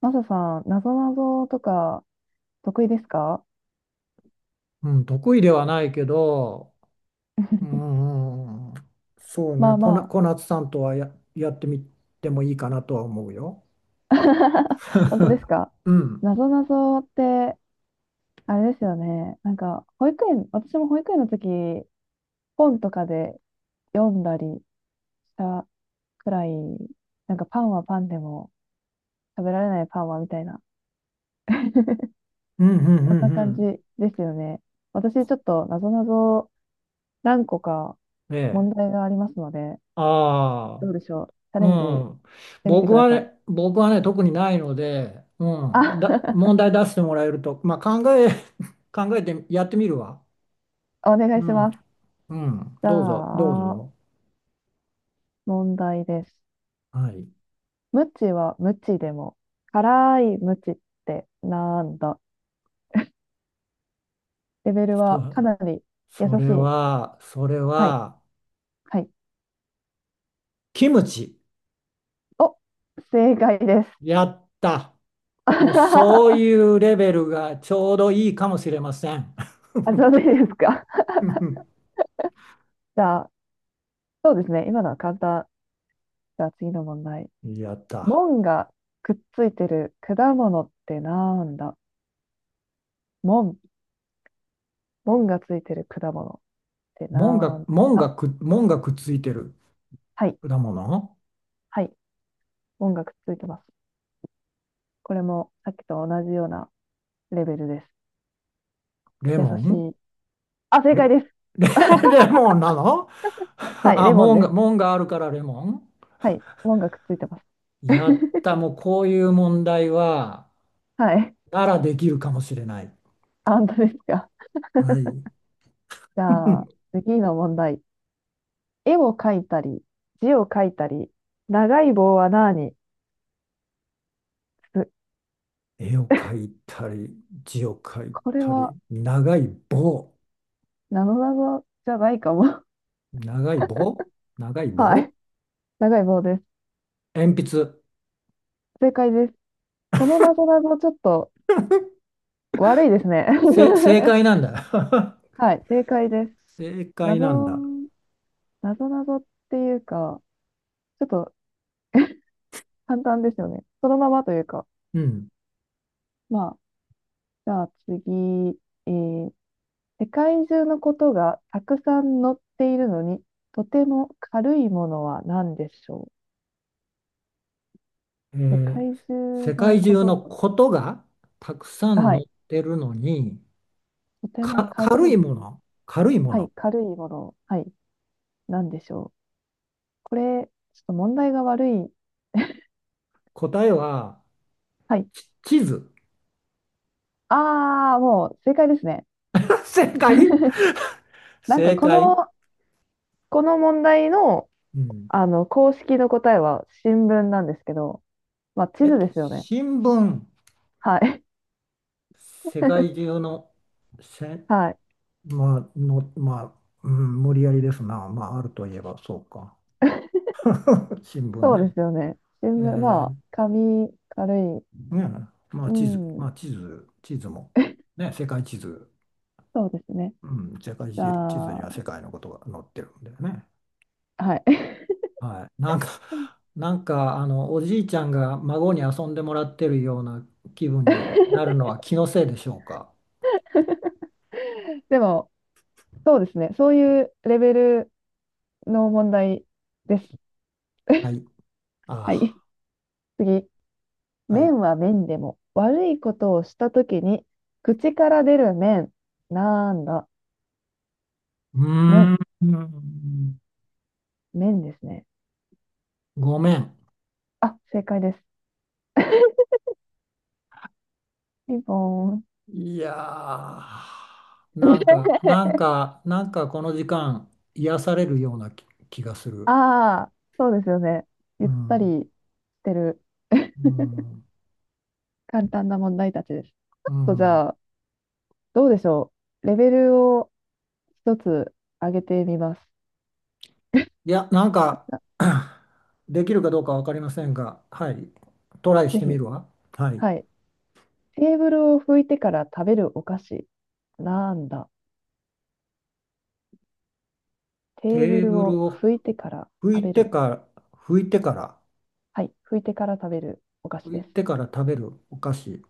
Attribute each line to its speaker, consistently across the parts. Speaker 1: マサさん、なぞなぞとか得意ですか？
Speaker 2: うん、得意ではないけど、うん、そう
Speaker 1: ま
Speaker 2: ね、
Speaker 1: あまあ。
Speaker 2: 小夏さんとはやってみてもいいかなとは思うよ。
Speaker 1: 本当です か？
Speaker 2: うん、
Speaker 1: なぞなぞって、あれですよね。なんか、保育園、私も保育園の時、本とかで読んだりしたくらい、なんかパンはパンでも食べられないパンはみたいな、
Speaker 2: うん、うん、
Speaker 1: そ
Speaker 2: う
Speaker 1: んな感じ
Speaker 2: ん、
Speaker 1: ですよね。私、ちょっとなぞなぞ何個か
Speaker 2: うん。え
Speaker 1: 問
Speaker 2: え。
Speaker 1: 題がありますので、
Speaker 2: あ
Speaker 1: ど
Speaker 2: あ、
Speaker 1: うでしょう。チャ
Speaker 2: う
Speaker 1: レンジし
Speaker 2: ん。
Speaker 1: てみて
Speaker 2: 僕
Speaker 1: くだ
Speaker 2: は
Speaker 1: さい。
Speaker 2: ね、僕はね、特にないので、うん、
Speaker 1: あ。
Speaker 2: 問題出してもらえると、まあ、考えてやってみるわ。
Speaker 1: お願
Speaker 2: う
Speaker 1: いし
Speaker 2: ん、
Speaker 1: ます。
Speaker 2: うん、
Speaker 1: じゃ
Speaker 2: どうぞ、どう
Speaker 1: あ、
Speaker 2: ぞ。
Speaker 1: 問題です。
Speaker 2: はい。
Speaker 1: 無知は無知でも、辛い無知ってなんだ？レベル
Speaker 2: そ、
Speaker 1: はかなり優
Speaker 2: そ
Speaker 1: し
Speaker 2: れ
Speaker 1: い。
Speaker 2: は、それ
Speaker 1: はい。
Speaker 2: は、
Speaker 1: はい。
Speaker 2: キムチ。
Speaker 1: お、正解です。
Speaker 2: やった。もうそう
Speaker 1: あ、
Speaker 2: いうレベルがちょうどいいかもしれません。
Speaker 1: ちょうどいいですか？じゃあ、そうですね。今のは簡単。じゃあ次の問題。
Speaker 2: やった。
Speaker 1: 門がくっついてる果物ってなんだ？門、門がついてる果物ってなんだ？
Speaker 2: 門がくっついてる
Speaker 1: はい。
Speaker 2: 果物。
Speaker 1: はい。門がくっついてます。これもさっきと同じようなレベルです。
Speaker 2: レ
Speaker 1: 優
Speaker 2: モ
Speaker 1: し
Speaker 2: ン。
Speaker 1: い。あ、正解
Speaker 2: レ、
Speaker 1: です。
Speaker 2: レ、レモンなの？
Speaker 1: はい、
Speaker 2: あ、
Speaker 1: レモンです。
Speaker 2: 門があるからレモ
Speaker 1: はい、モンがくっついてます。
Speaker 2: ン。やった。もうこういう問題は、
Speaker 1: はい、
Speaker 2: ならできるかもしれない。
Speaker 1: あ、本当ですか？
Speaker 2: はい。
Speaker 1: じゃあ、次の問題。絵を描いたり、字を書いたり、長い棒は何す？
Speaker 2: 絵を描いたり、字を描い
Speaker 1: これ
Speaker 2: たり、
Speaker 1: は、
Speaker 2: 長い棒。
Speaker 1: なぞなぞじゃないかも。
Speaker 2: 長い棒。長い
Speaker 1: は
Speaker 2: 棒。
Speaker 1: い、長い棒です。
Speaker 2: 鉛筆。
Speaker 1: 正解です。このなぞなぞちょっと悪いですね。
Speaker 2: 正解なんだ。
Speaker 1: はい、正解です。
Speaker 2: 正
Speaker 1: な
Speaker 2: 解
Speaker 1: ぞ、
Speaker 2: なんだ。
Speaker 1: なぞなぞっていうか、ちょっと簡単ですよね。そのままというか、
Speaker 2: うん。
Speaker 1: まあ、じゃあ次、えー世界中のことがたくさん載っているのに、とても軽いものは何でしょ
Speaker 2: え
Speaker 1: う？世
Speaker 2: ー
Speaker 1: 界中
Speaker 2: 世
Speaker 1: の
Speaker 2: 界
Speaker 1: こ
Speaker 2: 中
Speaker 1: と
Speaker 2: の
Speaker 1: が、
Speaker 2: ことがたくさん
Speaker 1: は
Speaker 2: 載っ
Speaker 1: い、
Speaker 2: てるのに、
Speaker 1: とても軽い
Speaker 2: 軽
Speaker 1: も
Speaker 2: いも
Speaker 1: の、
Speaker 2: の、軽いも
Speaker 1: は
Speaker 2: の。
Speaker 1: い、軽いもの、はい、何でしょう？これ、ちょっと問題が悪い。
Speaker 2: 答えは、
Speaker 1: はい。
Speaker 2: 地図。
Speaker 1: ああ、もう正解ですね。
Speaker 2: 正解、
Speaker 1: なんか
Speaker 2: 正
Speaker 1: こ
Speaker 2: 解。
Speaker 1: の、この問題の、
Speaker 2: うん。
Speaker 1: あの、公式の答えは新聞なんですけど、まあ、地図ですよね。
Speaker 2: 新聞、
Speaker 1: はい。
Speaker 2: 世界中の、せ、
Speaker 1: はい。
Speaker 2: まあ、まあ、うん、無理やりですな。まあ、あるといえばそうか。新聞
Speaker 1: そう
Speaker 2: ね。
Speaker 1: ですよね。新
Speaker 2: え
Speaker 1: 聞、まあ、
Speaker 2: ー
Speaker 1: 紙、軽い。
Speaker 2: ねえ、ま
Speaker 1: う
Speaker 2: あ地図、
Speaker 1: ん、
Speaker 2: まあ地図、地図も、ね、世界地図、
Speaker 1: そうですね。
Speaker 2: うん、世界
Speaker 1: じ
Speaker 2: 地図
Speaker 1: ゃ
Speaker 2: に
Speaker 1: あ、
Speaker 2: は世界のことが載ってるんだよね。
Speaker 1: はい。
Speaker 2: はい。なんか、おじいちゃんが孫に遊んでもらってるような気分になる のは気のせいでしょうか。
Speaker 1: でも、そうですね。そういうレベルの問題です。
Speaker 2: はい。
Speaker 1: はい。
Speaker 2: あ
Speaker 1: 次。
Speaker 2: あ、はい。う
Speaker 1: 面は面でも、悪いことをしたときに、口から出る面。なんだ。
Speaker 2: ー
Speaker 1: 面、
Speaker 2: ん、
Speaker 1: 面ですね。
Speaker 2: ごめん。
Speaker 1: あ、正解です。ピンポーン。
Speaker 2: いやー、なんか、なん か、なんかこの時間、癒されるような気がする。
Speaker 1: ああ、そうですよね。ゆ
Speaker 2: う
Speaker 1: った
Speaker 2: ん。
Speaker 1: りしてる。
Speaker 2: うん
Speaker 1: 簡単な問題たちです。ちょ
Speaker 2: う
Speaker 1: っとじ
Speaker 2: ん。
Speaker 1: ゃあ、どうでしょう。レベルを一つ上げてみます。
Speaker 2: いや、なんか できるかどうかわかりませんが、はい。トライし
Speaker 1: ぜ
Speaker 2: てみ
Speaker 1: ひ。
Speaker 2: るわ。はい。
Speaker 1: はい。テーブルを拭いてから食べるお菓子。なんだ。テーブ
Speaker 2: テー
Speaker 1: ル
Speaker 2: ブル
Speaker 1: を
Speaker 2: を
Speaker 1: 拭いてから
Speaker 2: 拭
Speaker 1: 食
Speaker 2: い
Speaker 1: べ
Speaker 2: て
Speaker 1: る。
Speaker 2: から、拭いてから、
Speaker 1: はい。拭いてから食べるお菓子
Speaker 2: 拭
Speaker 1: で
Speaker 2: い
Speaker 1: す。
Speaker 2: てから食べるお菓子。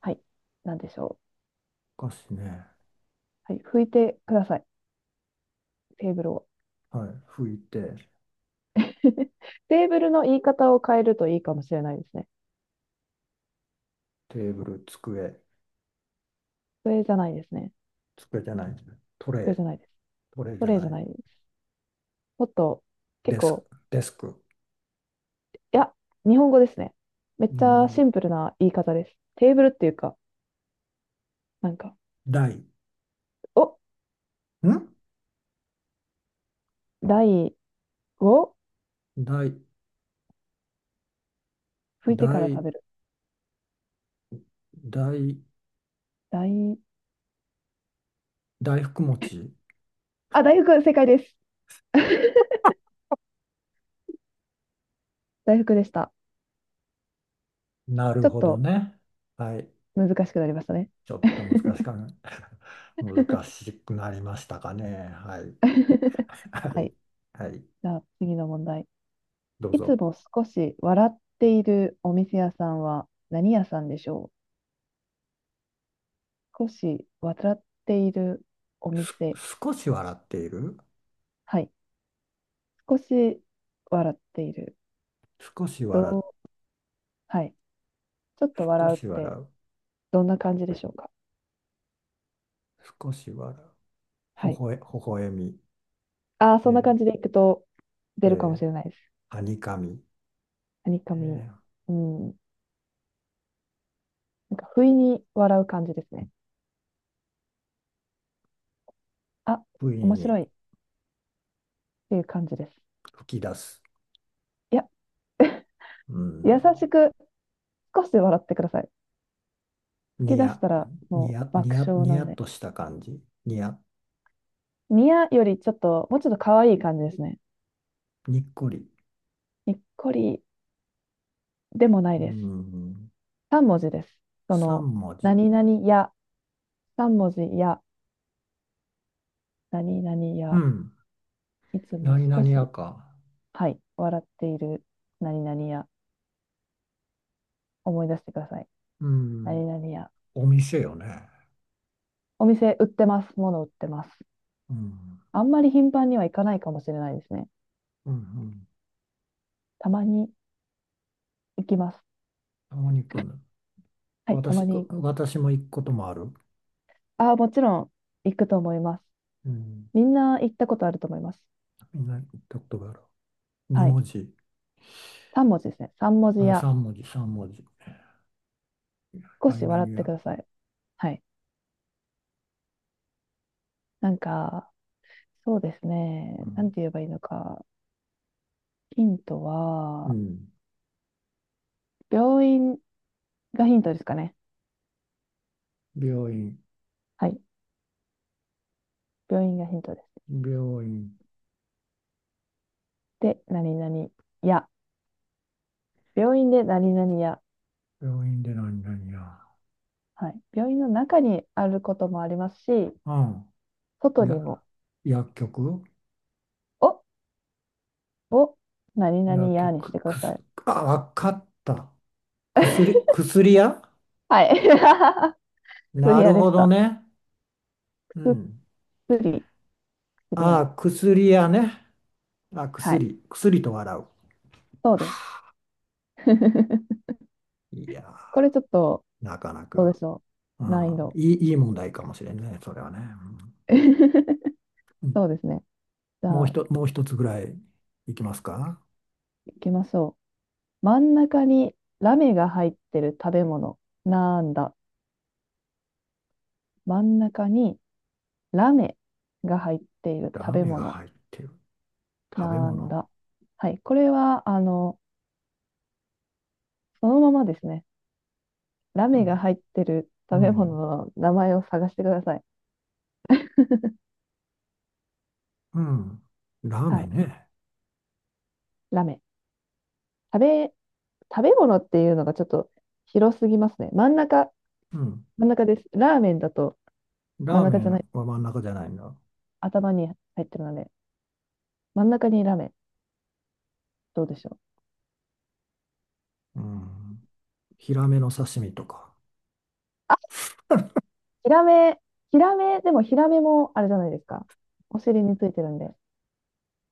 Speaker 1: はい。なんでしょ
Speaker 2: お菓子ね。
Speaker 1: う。はい。拭いてください。テーブルを。
Speaker 2: はい。拭いて、
Speaker 1: テーブルの言い方を変えるといいかもしれないですね。
Speaker 2: テーブル、机、
Speaker 1: それじゃないですね。
Speaker 2: 机じゃない、ト
Speaker 1: そ
Speaker 2: レ
Speaker 1: れ
Speaker 2: イ、
Speaker 1: じゃないです。
Speaker 2: トレイじ
Speaker 1: そ
Speaker 2: ゃ
Speaker 1: れじ
Speaker 2: な
Speaker 1: ゃ
Speaker 2: い、
Speaker 1: ないです。もっと結
Speaker 2: デスク、
Speaker 1: 構
Speaker 2: デスク。
Speaker 1: いや、日本語ですね。めっち
Speaker 2: 日
Speaker 1: ゃ
Speaker 2: 本
Speaker 1: シ
Speaker 2: 語。
Speaker 1: ンプルな言い方です。テーブルっていうか、なんか、
Speaker 2: 台。
Speaker 1: お、
Speaker 2: ん
Speaker 1: 台を
Speaker 2: 台、
Speaker 1: 拭いてから食
Speaker 2: 台、
Speaker 1: べる。
Speaker 2: 台、
Speaker 1: 台、
Speaker 2: 大福餅。
Speaker 1: あ、大福、正解です。大福でした。
Speaker 2: なる
Speaker 1: ちょっ
Speaker 2: ほど
Speaker 1: と
Speaker 2: ね。はい。
Speaker 1: 難しくなりましたね。
Speaker 2: ちょっと難しか な。難しくなりましたかね。はい。は
Speaker 1: は
Speaker 2: い。
Speaker 1: い。
Speaker 2: はい。
Speaker 1: じゃあ次の問題。
Speaker 2: どう
Speaker 1: いつ
Speaker 2: ぞ。
Speaker 1: も少し笑っているお店屋さんは何屋さんでしょう？少し笑っているお
Speaker 2: す、
Speaker 1: 店。
Speaker 2: 少し笑っている。
Speaker 1: はい。少し笑っている。
Speaker 2: 少し
Speaker 1: ど
Speaker 2: 笑う。
Speaker 1: う、はい。ちょっと
Speaker 2: 少
Speaker 1: 笑うっ
Speaker 2: し笑
Speaker 1: て
Speaker 2: う。
Speaker 1: どんな感じでしょうか。
Speaker 2: 少し笑う。ほ
Speaker 1: はい。
Speaker 2: ほえ、ほほえみ。
Speaker 1: ああ、そんな感
Speaker 2: え
Speaker 1: じでいくと出
Speaker 2: ー
Speaker 1: るかも
Speaker 2: え
Speaker 1: しれないです。
Speaker 2: はにかみ。
Speaker 1: はにか
Speaker 2: え
Speaker 1: み。
Speaker 2: ー
Speaker 1: うん。なんか、不意に笑う感じですね。あ、
Speaker 2: 不意
Speaker 1: 面
Speaker 2: に
Speaker 1: 白いっていう感じです。
Speaker 2: 吹き出す。
Speaker 1: いや、
Speaker 2: う
Speaker 1: 優
Speaker 2: ん。
Speaker 1: しく少し笑ってください。
Speaker 2: に
Speaker 1: 吹き出し
Speaker 2: や、
Speaker 1: たらも
Speaker 2: に
Speaker 1: う
Speaker 2: や、に
Speaker 1: 爆
Speaker 2: や、
Speaker 1: 笑
Speaker 2: に
Speaker 1: な
Speaker 2: や
Speaker 1: ん
Speaker 2: っ
Speaker 1: で。
Speaker 2: とした感じ。にや、
Speaker 1: ニヤよりちょっと、もうちょっと可愛い感じですね。
Speaker 2: にっこり。
Speaker 1: にっこりでもない
Speaker 2: う
Speaker 1: です。
Speaker 2: ん。
Speaker 1: 3文字です。そ
Speaker 2: 三
Speaker 1: の、
Speaker 2: 文字。
Speaker 1: 何々や、3文字や、何々
Speaker 2: う
Speaker 1: や、
Speaker 2: ん。
Speaker 1: いつも
Speaker 2: 何
Speaker 1: 少
Speaker 2: 々や
Speaker 1: し
Speaker 2: か。
Speaker 1: はい、笑っている何々屋、思い出してください。
Speaker 2: うん。
Speaker 1: 何々屋。
Speaker 2: お店よね。
Speaker 1: お店売ってます。物売ってます。
Speaker 2: うん。
Speaker 1: あんまり頻繁には行かないかもしれないですね。
Speaker 2: うんうん。
Speaker 1: たまに行きます。
Speaker 2: たまに行くんだ。
Speaker 1: はい、た
Speaker 2: 私、
Speaker 1: ま
Speaker 2: う
Speaker 1: に。
Speaker 2: 私も行くこともある。
Speaker 1: ああ、もちろん行くと思います。
Speaker 2: うん。
Speaker 1: みんな行ったことあると思います。
Speaker 2: みんな行ったことがある。2
Speaker 1: はい。
Speaker 2: 文字。
Speaker 1: 3文字ですね。3文字
Speaker 2: あ、
Speaker 1: 屋。
Speaker 2: 3文字、3文字。
Speaker 1: 少し
Speaker 2: 何々
Speaker 1: 笑って
Speaker 2: や。
Speaker 1: ください。はい。なんか、そうです
Speaker 2: う
Speaker 1: ね。なん
Speaker 2: ん。
Speaker 1: て言えばいいのか。ヒント
Speaker 2: う
Speaker 1: は、
Speaker 2: ん。
Speaker 1: 病院がヒントですかね。
Speaker 2: 病院、
Speaker 1: はい。病院がヒントです。
Speaker 2: 病院、
Speaker 1: で、何々屋。病院で何々や、
Speaker 2: 病院で何々や。
Speaker 1: はい、病院の中にあることもありますし、
Speaker 2: うん。
Speaker 1: 外に
Speaker 2: や、
Speaker 1: も、
Speaker 2: 薬局
Speaker 1: お、お、何々
Speaker 2: 薬
Speaker 1: やにし
Speaker 2: 局、
Speaker 1: てください。
Speaker 2: あ、わかった。薬、薬屋
Speaker 1: はい。薬
Speaker 2: な
Speaker 1: 屋
Speaker 2: る
Speaker 1: で
Speaker 2: ほ
Speaker 1: し
Speaker 2: ど
Speaker 1: た。
Speaker 2: ね。うん。
Speaker 1: 薬、薬屋。
Speaker 2: あ、薬屋ね。あ、
Speaker 1: はい。
Speaker 2: 薬と笑う。
Speaker 1: そうです。
Speaker 2: いや
Speaker 1: これちょっと、
Speaker 2: ー、なかな
Speaker 1: どう
Speaker 2: か。
Speaker 1: でしょ
Speaker 2: う
Speaker 1: う。難易
Speaker 2: ん、
Speaker 1: 度。
Speaker 2: いい問題かもしれんね、それはね。うん、
Speaker 1: そうですね。じゃあ、
Speaker 2: もう一つぐらいいきますか。
Speaker 1: 行きましょう。真ん中にラメが入ってる食べ物。なんだ。真ん中にラメが入っている
Speaker 2: ラ
Speaker 1: 食
Speaker 2: ー
Speaker 1: べ
Speaker 2: メンが
Speaker 1: 物。
Speaker 2: 入ってる。食べ
Speaker 1: なん
Speaker 2: 物。
Speaker 1: だ。はい。これは、あの、そのままですね。ラ
Speaker 2: う
Speaker 1: メが
Speaker 2: ん、
Speaker 1: 入ってる
Speaker 2: う
Speaker 1: 食べ物
Speaker 2: ん、
Speaker 1: の名前を探してください。
Speaker 2: うん。ラー
Speaker 1: は
Speaker 2: メン
Speaker 1: い。
Speaker 2: ね。
Speaker 1: ラメ。食べ、食べ物っていうのがちょっと広すぎますね。真ん中、
Speaker 2: うん。
Speaker 1: 真ん中です。ラーメンだと真
Speaker 2: ラ
Speaker 1: ん
Speaker 2: ーメ
Speaker 1: 中じ
Speaker 2: ン
Speaker 1: ゃない。
Speaker 2: は真ん中じゃないんだ。
Speaker 1: 頭に入ってるので、真ん中にラメ。どうでしょう。
Speaker 2: うん。ヒラメの刺身とか。
Speaker 1: ヒラメ、ヒラメ、でもヒラメもあれじゃないですか。お尻についてるんで、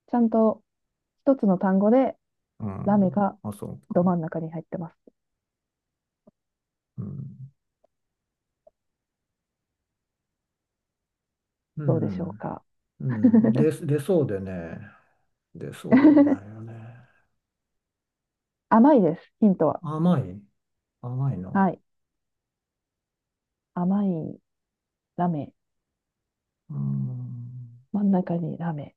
Speaker 1: ちゃんと一つの単語で
Speaker 2: う
Speaker 1: ラメ
Speaker 2: ん。
Speaker 1: が
Speaker 2: あ、そう
Speaker 1: ど
Speaker 2: か。
Speaker 1: 真ん中に入ってます。
Speaker 2: うん。う
Speaker 1: どうでしょう
Speaker 2: ん。
Speaker 1: か。
Speaker 2: うん。出そうでね。出そうでねあな いよね。
Speaker 1: 甘いです、ヒントは。
Speaker 2: 甘い。甘いの。
Speaker 1: はい。甘いラメ。
Speaker 2: うん。
Speaker 1: 真ん中にラメ。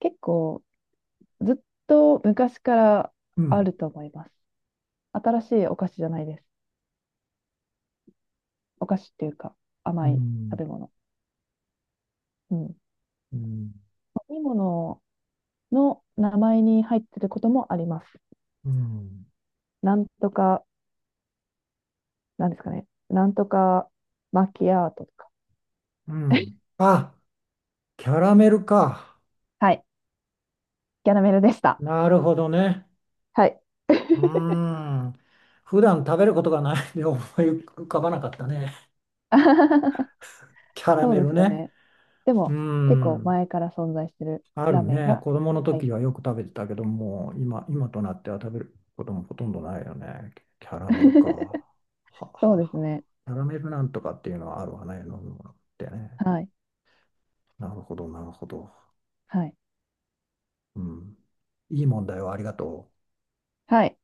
Speaker 1: 結構、ずっと昔から
Speaker 2: う
Speaker 1: あ
Speaker 2: ん。
Speaker 1: ると思います。新しいお菓子じゃないです。お菓子っていうか、
Speaker 2: う
Speaker 1: 甘い食
Speaker 2: ん
Speaker 1: べ物。うん。飲
Speaker 2: うん。
Speaker 1: み物の名前に入ってることもあります。
Speaker 2: うん。
Speaker 1: なんとか、なんですかね。なんとかマキアートとか。
Speaker 2: うん。あ、キャラメルか。
Speaker 1: はい。キャラメルでした。
Speaker 2: なるほどね。
Speaker 1: はい。
Speaker 2: う ん。普段食べることがないんで思い浮かばなかったね。
Speaker 1: あははは
Speaker 2: キャラ
Speaker 1: そう
Speaker 2: メ
Speaker 1: で
Speaker 2: ル
Speaker 1: すよ
Speaker 2: ね。
Speaker 1: ね。で
Speaker 2: う
Speaker 1: も、結構
Speaker 2: ん。
Speaker 1: 前から存在してる
Speaker 2: ある
Speaker 1: ラメ
Speaker 2: ね。
Speaker 1: が
Speaker 2: 子供の
Speaker 1: 入っ。
Speaker 2: 時はよく食べてたけども、今となっては食べることもほとんどないよね。キャラメルか。はは
Speaker 1: そうです
Speaker 2: は。
Speaker 1: ね。
Speaker 2: キャラメルなんとかっていうのはあるわね。飲むものってね。
Speaker 1: はい。
Speaker 2: なるほど、なるほど。
Speaker 1: はい。
Speaker 2: うん。いい問題をありがとう。
Speaker 1: はい。